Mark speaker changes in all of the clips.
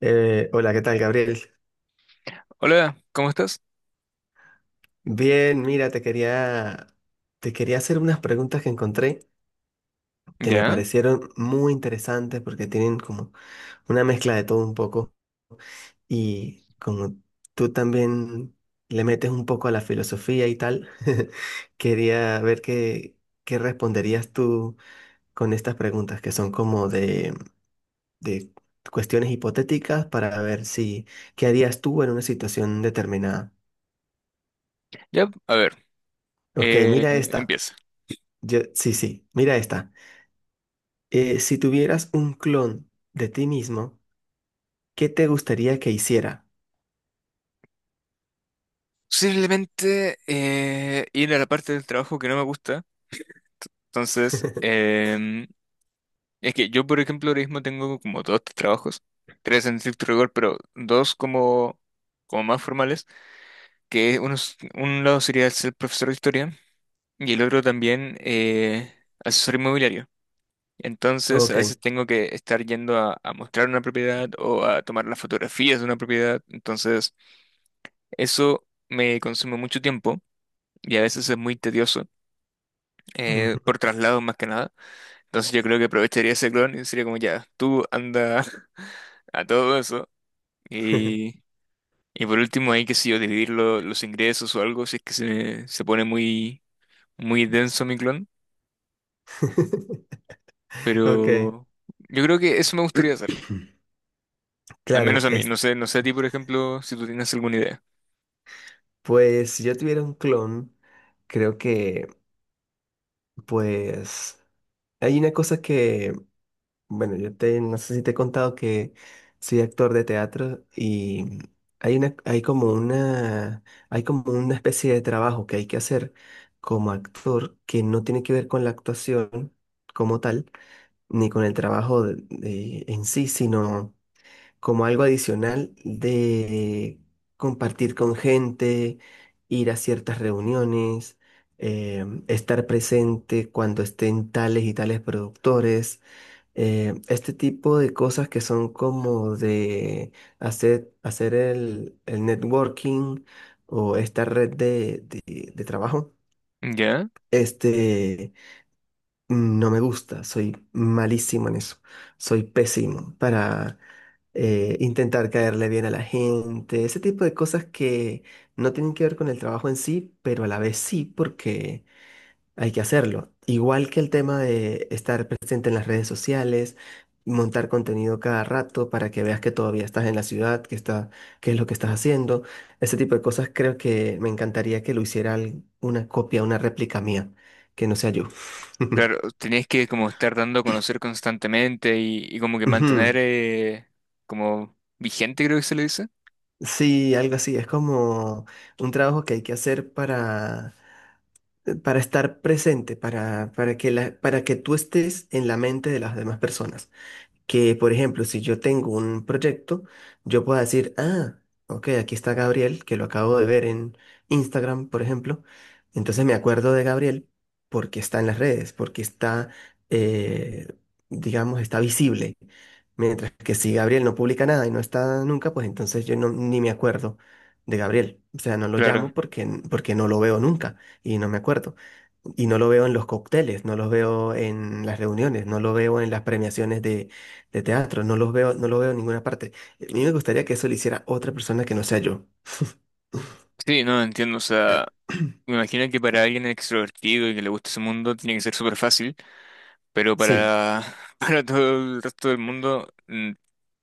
Speaker 1: Hola, ¿qué tal, Gabriel?
Speaker 2: Hola, ¿cómo estás?
Speaker 1: Bien, mira, te quería hacer unas preguntas que encontré que me
Speaker 2: Ya,
Speaker 1: parecieron muy interesantes porque tienen como una mezcla de todo un poco y como tú también le metes un poco a la filosofía y tal, quería qué responderías tú con estas preguntas que son como de cuestiones hipotéticas para ver si, ¿qué harías tú en una situación determinada?
Speaker 2: ya, a ver,
Speaker 1: Ok,
Speaker 2: eh,
Speaker 1: mira esta.
Speaker 2: empieza.
Speaker 1: Sí, sí, mira esta. Si tuvieras un clon de ti mismo, ¿qué te gustaría que hiciera?
Speaker 2: Simplemente ir a la parte del trabajo que no me gusta. Entonces, es que yo, por ejemplo, ahora mismo tengo como dos trabajos, tres en estricto rigor, pero dos como, como más formales, que uno, un lado sería ser profesor de historia y el otro también asesor inmobiliario. Entonces, a veces
Speaker 1: Ok.
Speaker 2: tengo que estar yendo a mostrar una propiedad o a tomar las fotografías de una propiedad. Entonces, eso me consume mucho tiempo y a veces es muy tedioso, por
Speaker 1: Ujú.
Speaker 2: traslado más que nada. Entonces yo creo que aprovecharía ese clon y sería como ya, tú anda a todo eso. Y, y por último hay que si yo dividir los ingresos o algo si es que se pone muy, muy denso mi clon.
Speaker 1: Ok.
Speaker 2: Pero yo creo que eso me gustaría hacer. Al
Speaker 1: Claro,
Speaker 2: menos a mí. No sé a ti, por ejemplo, si tú tienes alguna idea.
Speaker 1: pues si yo tuviera un clon, creo que pues hay una cosa que bueno, yo te, no sé si te he contado que soy actor de teatro y hay una, hay como una, hay como una especie de trabajo que hay que hacer como actor que no tiene que ver con la actuación como tal, ni con el en sí, sino como algo adicional de compartir con gente, ir a ciertas reuniones, estar presente cuando estén tales y tales productores, este tipo de cosas que son como de hacer el networking o esta red de trabajo.
Speaker 2: ¿Ya?
Speaker 1: Este, no me gusta, soy malísimo en eso, soy pésimo para intentar caerle bien a la gente, ese tipo de cosas que no tienen que ver con el trabajo en sí, pero a la vez sí, porque hay que hacerlo. Igual que el tema de estar presente en las redes sociales, montar contenido cada rato para que veas que todavía estás en la ciudad, qué es lo que estás haciendo. Ese tipo de cosas creo que me encantaría que lo hiciera una copia, una réplica mía, que no sea yo.
Speaker 2: Claro, tenías que como estar dando a conocer constantemente y como que mantener,
Speaker 1: Ujú.
Speaker 2: como vigente, creo que se le dice.
Speaker 1: Sí, algo así. Es como un trabajo que hay que hacer para estar presente, para que para que tú estés en la mente de las demás personas. Que, por ejemplo, si yo tengo un proyecto, yo pueda decir, ah, ok, aquí está Gabriel, que lo acabo de ver en Instagram, por ejemplo. Entonces me acuerdo de Gabriel porque está en las redes, porque está, eh, digamos, está visible. Mientras que si Gabriel no publica nada y no está nunca, pues entonces yo no, ni me acuerdo de Gabriel. O sea, no lo
Speaker 2: Claro.
Speaker 1: llamo porque no lo veo nunca y no me acuerdo. Y no lo veo en los cócteles, no lo veo en las reuniones, no lo veo en las premiaciones de teatro, no los veo, no lo veo en ninguna parte. A mí me gustaría que eso lo hiciera otra persona que no sea yo.
Speaker 2: Sí, no, entiendo. O sea, me imagino que para alguien extrovertido y que le guste ese mundo tiene que ser súper fácil, pero
Speaker 1: Sí,
Speaker 2: para, para todo el resto del mundo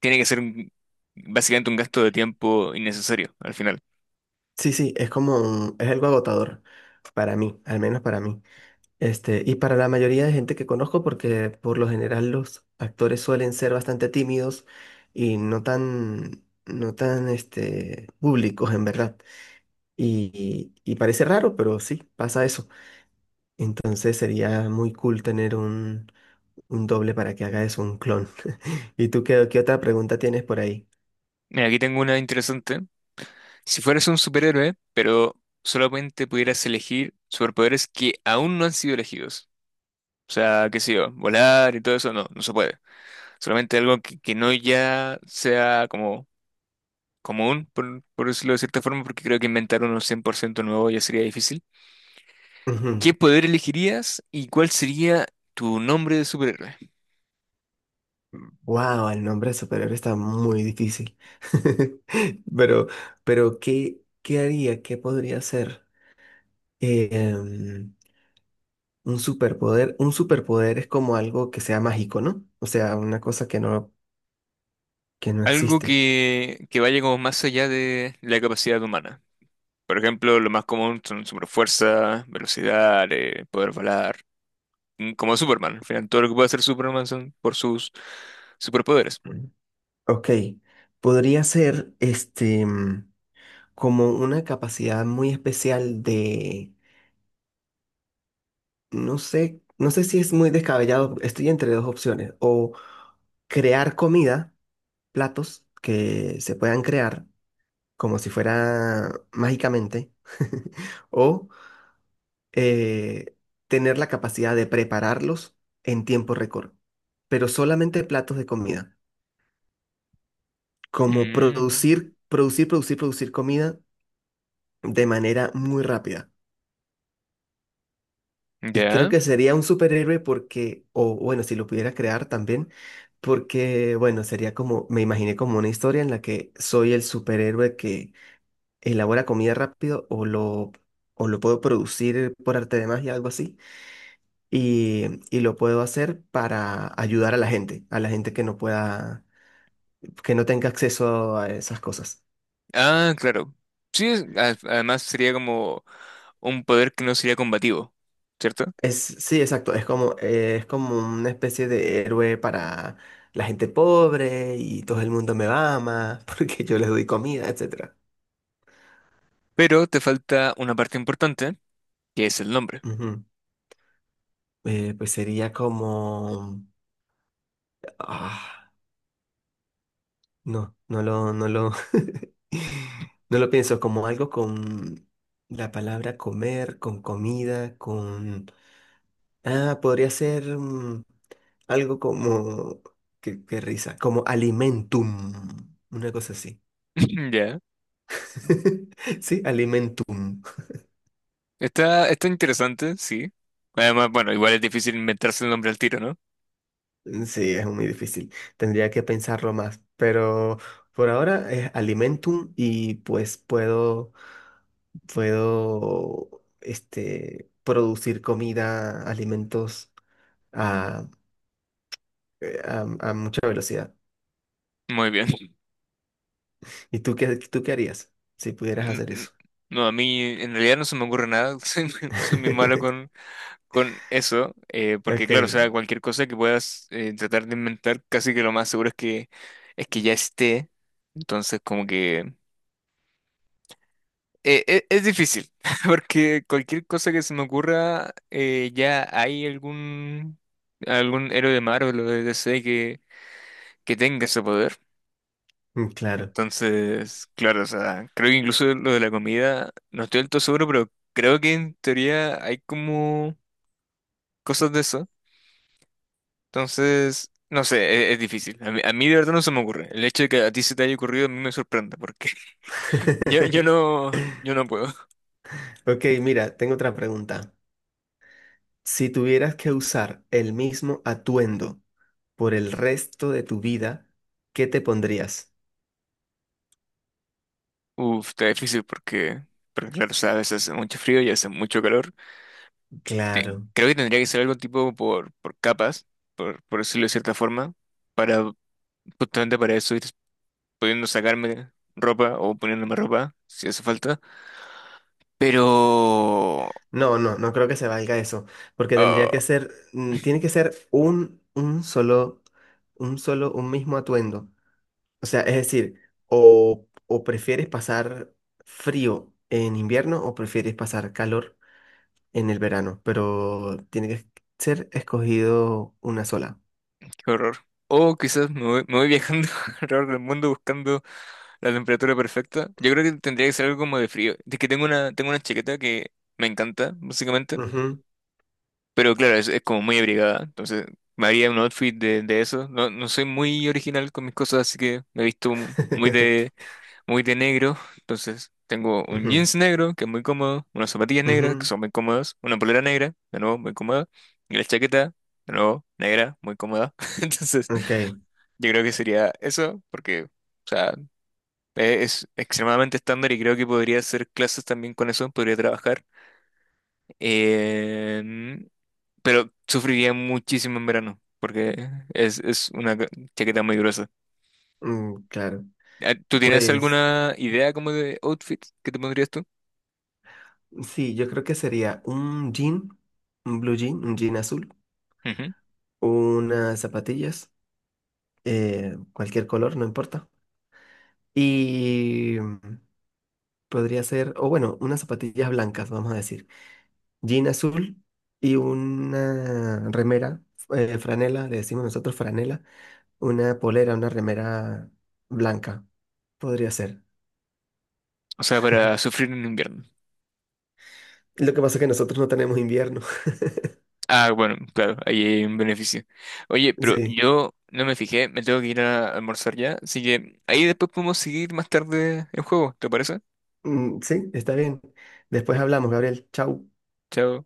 Speaker 2: tiene que ser básicamente un gasto de tiempo innecesario al final.
Speaker 1: sí, sí, es como es algo agotador para mí, al menos para mí. Este, y para la mayoría de gente que conozco, porque por lo general los actores suelen ser bastante tímidos y no tan, este, públicos en verdad. Y parece raro, pero sí, pasa eso. Entonces sería muy cool tener un doble para que haga eso, un clon. ¿Y tú qué, qué otra pregunta tienes por ahí?
Speaker 2: Mira, aquí tengo una interesante. Si fueras un superhéroe, pero solamente pudieras elegir superpoderes que aún no han sido elegidos. O sea, qué sé yo, volar y todo eso no, no se puede. Solamente algo que no ya sea como común, por decirlo de cierta forma, porque creo que inventar uno 100% nuevo ya sería difícil.
Speaker 1: Wow,
Speaker 2: ¿Qué poder elegirías y cuál sería tu nombre de superhéroe?
Speaker 1: el nombre de superhéroe está muy difícil. Pero, pero ¿qué, qué haría? ¿Qué podría ser? Eh, em, un superpoder. Un superpoder es como algo que sea mágico, ¿no? O sea, una cosa que no
Speaker 2: Algo
Speaker 1: existe.
Speaker 2: que vaya como más allá de la capacidad humana. Por ejemplo, lo más común son superfuerza, velocidad, poder volar, mm, como Superman. Al final, todo lo que puede hacer Superman son por sus superpoderes.
Speaker 1: Mm. Ok. Podría ser como una capacidad muy especial de. No sé, no sé si es muy descabellado. Estoy entre dos opciones. O crear comida, platos que se puedan crear como si fuera mágicamente, o eh, tener la capacidad de prepararlos en tiempo récord, pero solamente platos de comida, como
Speaker 2: Mm,
Speaker 1: producir comida de manera muy rápida. Y creo
Speaker 2: ya.
Speaker 1: que sería un superhéroe porque, o bueno, si lo pudiera crear también, porque, bueno, sería como, me imaginé como una historia en la que soy el superhéroe que elabora comida rápido o lo puedo producir por arte de magia, algo así, y lo puedo hacer para ayudar a la gente que no pueda, que no tenga acceso a esas cosas.
Speaker 2: Ah, claro. Sí, además sería como un poder que no sería combativo, ¿cierto?
Speaker 1: Es, sí, exacto, es como una especie de héroe para la gente pobre y todo el mundo me ama porque yo les doy comida, etcétera.
Speaker 2: Pero te falta una parte importante, que es el nombre.
Speaker 1: Ujú. Pues sería como... Ah, no, no lo, no lo, no lo pienso como algo con la palabra comer, con comida, con... Ah, podría ser mm, algo como... Qué, qué risa, como alimentum, una cosa así.
Speaker 2: Ya.
Speaker 1: Sí, alimentum.
Speaker 2: Está, está interesante, sí. Además, bueno, igual es difícil inventarse el nombre al tiro, ¿no?
Speaker 1: Sí, es muy difícil. Tendría que pensarlo más, pero por ahora es alimentum y puedo, este, producir comida, alimentos. ah, a mucha velocidad.
Speaker 2: Muy bien.
Speaker 1: ¿Y tú qué harías si pudieras
Speaker 2: N-
Speaker 1: hacer
Speaker 2: n-
Speaker 1: eso?
Speaker 2: No, a mí en realidad no se me ocurre nada. Soy muy malo con eso. Porque
Speaker 1: Ok,
Speaker 2: claro, o sea, cualquier cosa que puedas, tratar de inventar, casi que lo más seguro es es que ya esté. Entonces, como que... es difícil, porque cualquier cosa que se me ocurra, ya hay algún héroe de Marvel o de DC que tenga ese poder.
Speaker 1: mm, claro.
Speaker 2: Entonces, claro, o sea, creo que incluso lo de la comida, no estoy del todo seguro, pero creo que en teoría hay como cosas de eso. Entonces, no sé, es difícil. A mí de verdad no se me ocurre. El hecho de que a ti se te haya ocurrido a mí me sorprende, porque yo no puedo.
Speaker 1: Ok, mira, tengo otra pregunta. Si tuvieras que usar el mismo atuendo por el resto de tu vida, ¿qué te pondrías?
Speaker 2: Uf, está difícil porque, porque claro, o sea, a veces hace mucho frío y hace mucho calor.
Speaker 1: Claro.
Speaker 2: Creo que tendría que ser algo tipo por capas, por decirlo de cierta forma, para justamente para eso ir pudiendo sacarme ropa o poniéndome ropa si hace falta. Pero...
Speaker 1: No, no, no creo que se valga eso, porque
Speaker 2: ah,
Speaker 1: tendría que ser, mm, tiene que ser un, un solo, un mismo atuendo. O sea, es decir, o prefieres pasar frío en invierno o prefieres pasar calor en el verano, pero tiene que ser escogido una sola.
Speaker 2: qué horror. O quizás me voy viajando alrededor del mundo buscando la temperatura perfecta. Yo creo que tendría que ser algo como de frío, de que tengo una chaqueta que me encanta, básicamente.
Speaker 1: Ujú.
Speaker 2: Pero claro, es como muy abrigada. Entonces, me haría un outfit de eso. No, no soy muy original con mis cosas, así que me he visto muy de negro. Entonces, tengo un
Speaker 1: Ujú,
Speaker 2: jeans negro, que es muy cómodo, unas zapatillas negras, que
Speaker 1: ujú.
Speaker 2: son muy cómodas, una polera negra, de nuevo, muy cómoda, y la chaqueta, de nuevo, negra, muy cómoda. Entonces,
Speaker 1: Ok,
Speaker 2: yo creo que sería eso, porque, o sea, es extremadamente estándar y creo que podría hacer clases también con eso, podría trabajar. Em, pero sufriría muchísimo en verano, porque es una chaqueta muy gruesa.
Speaker 1: mm, claro.
Speaker 2: Ah, ¿tú tienes
Speaker 1: Pues
Speaker 2: alguna idea como de outfit que te pondrías tú?
Speaker 1: sí, yo creo que sería un jean, un blue jean, un jean azul,
Speaker 2: Ujú.
Speaker 1: unas zapatillas, cualquier color, no importa. Y mm, podría ser, o bueno, unas zapatillas blancas, vamos a decir. Jean azul y una remera, franela, le decimos nosotros franela, una polera, una remera blanca, podría ser.
Speaker 2: O sea, para sufrir en invierno.
Speaker 1: Lo que pasa es que nosotros no tenemos invierno.
Speaker 2: Ah, bueno, claro, ahí hay un beneficio. Oye, pero
Speaker 1: Sí,
Speaker 2: yo no me fijé, me tengo que ir a almorzar ya, así que ahí después podemos seguir más tarde el juego, ¿te parece?
Speaker 1: mm, sí, está bien. Después hablamos, Gabriel. Chau.
Speaker 2: Chao.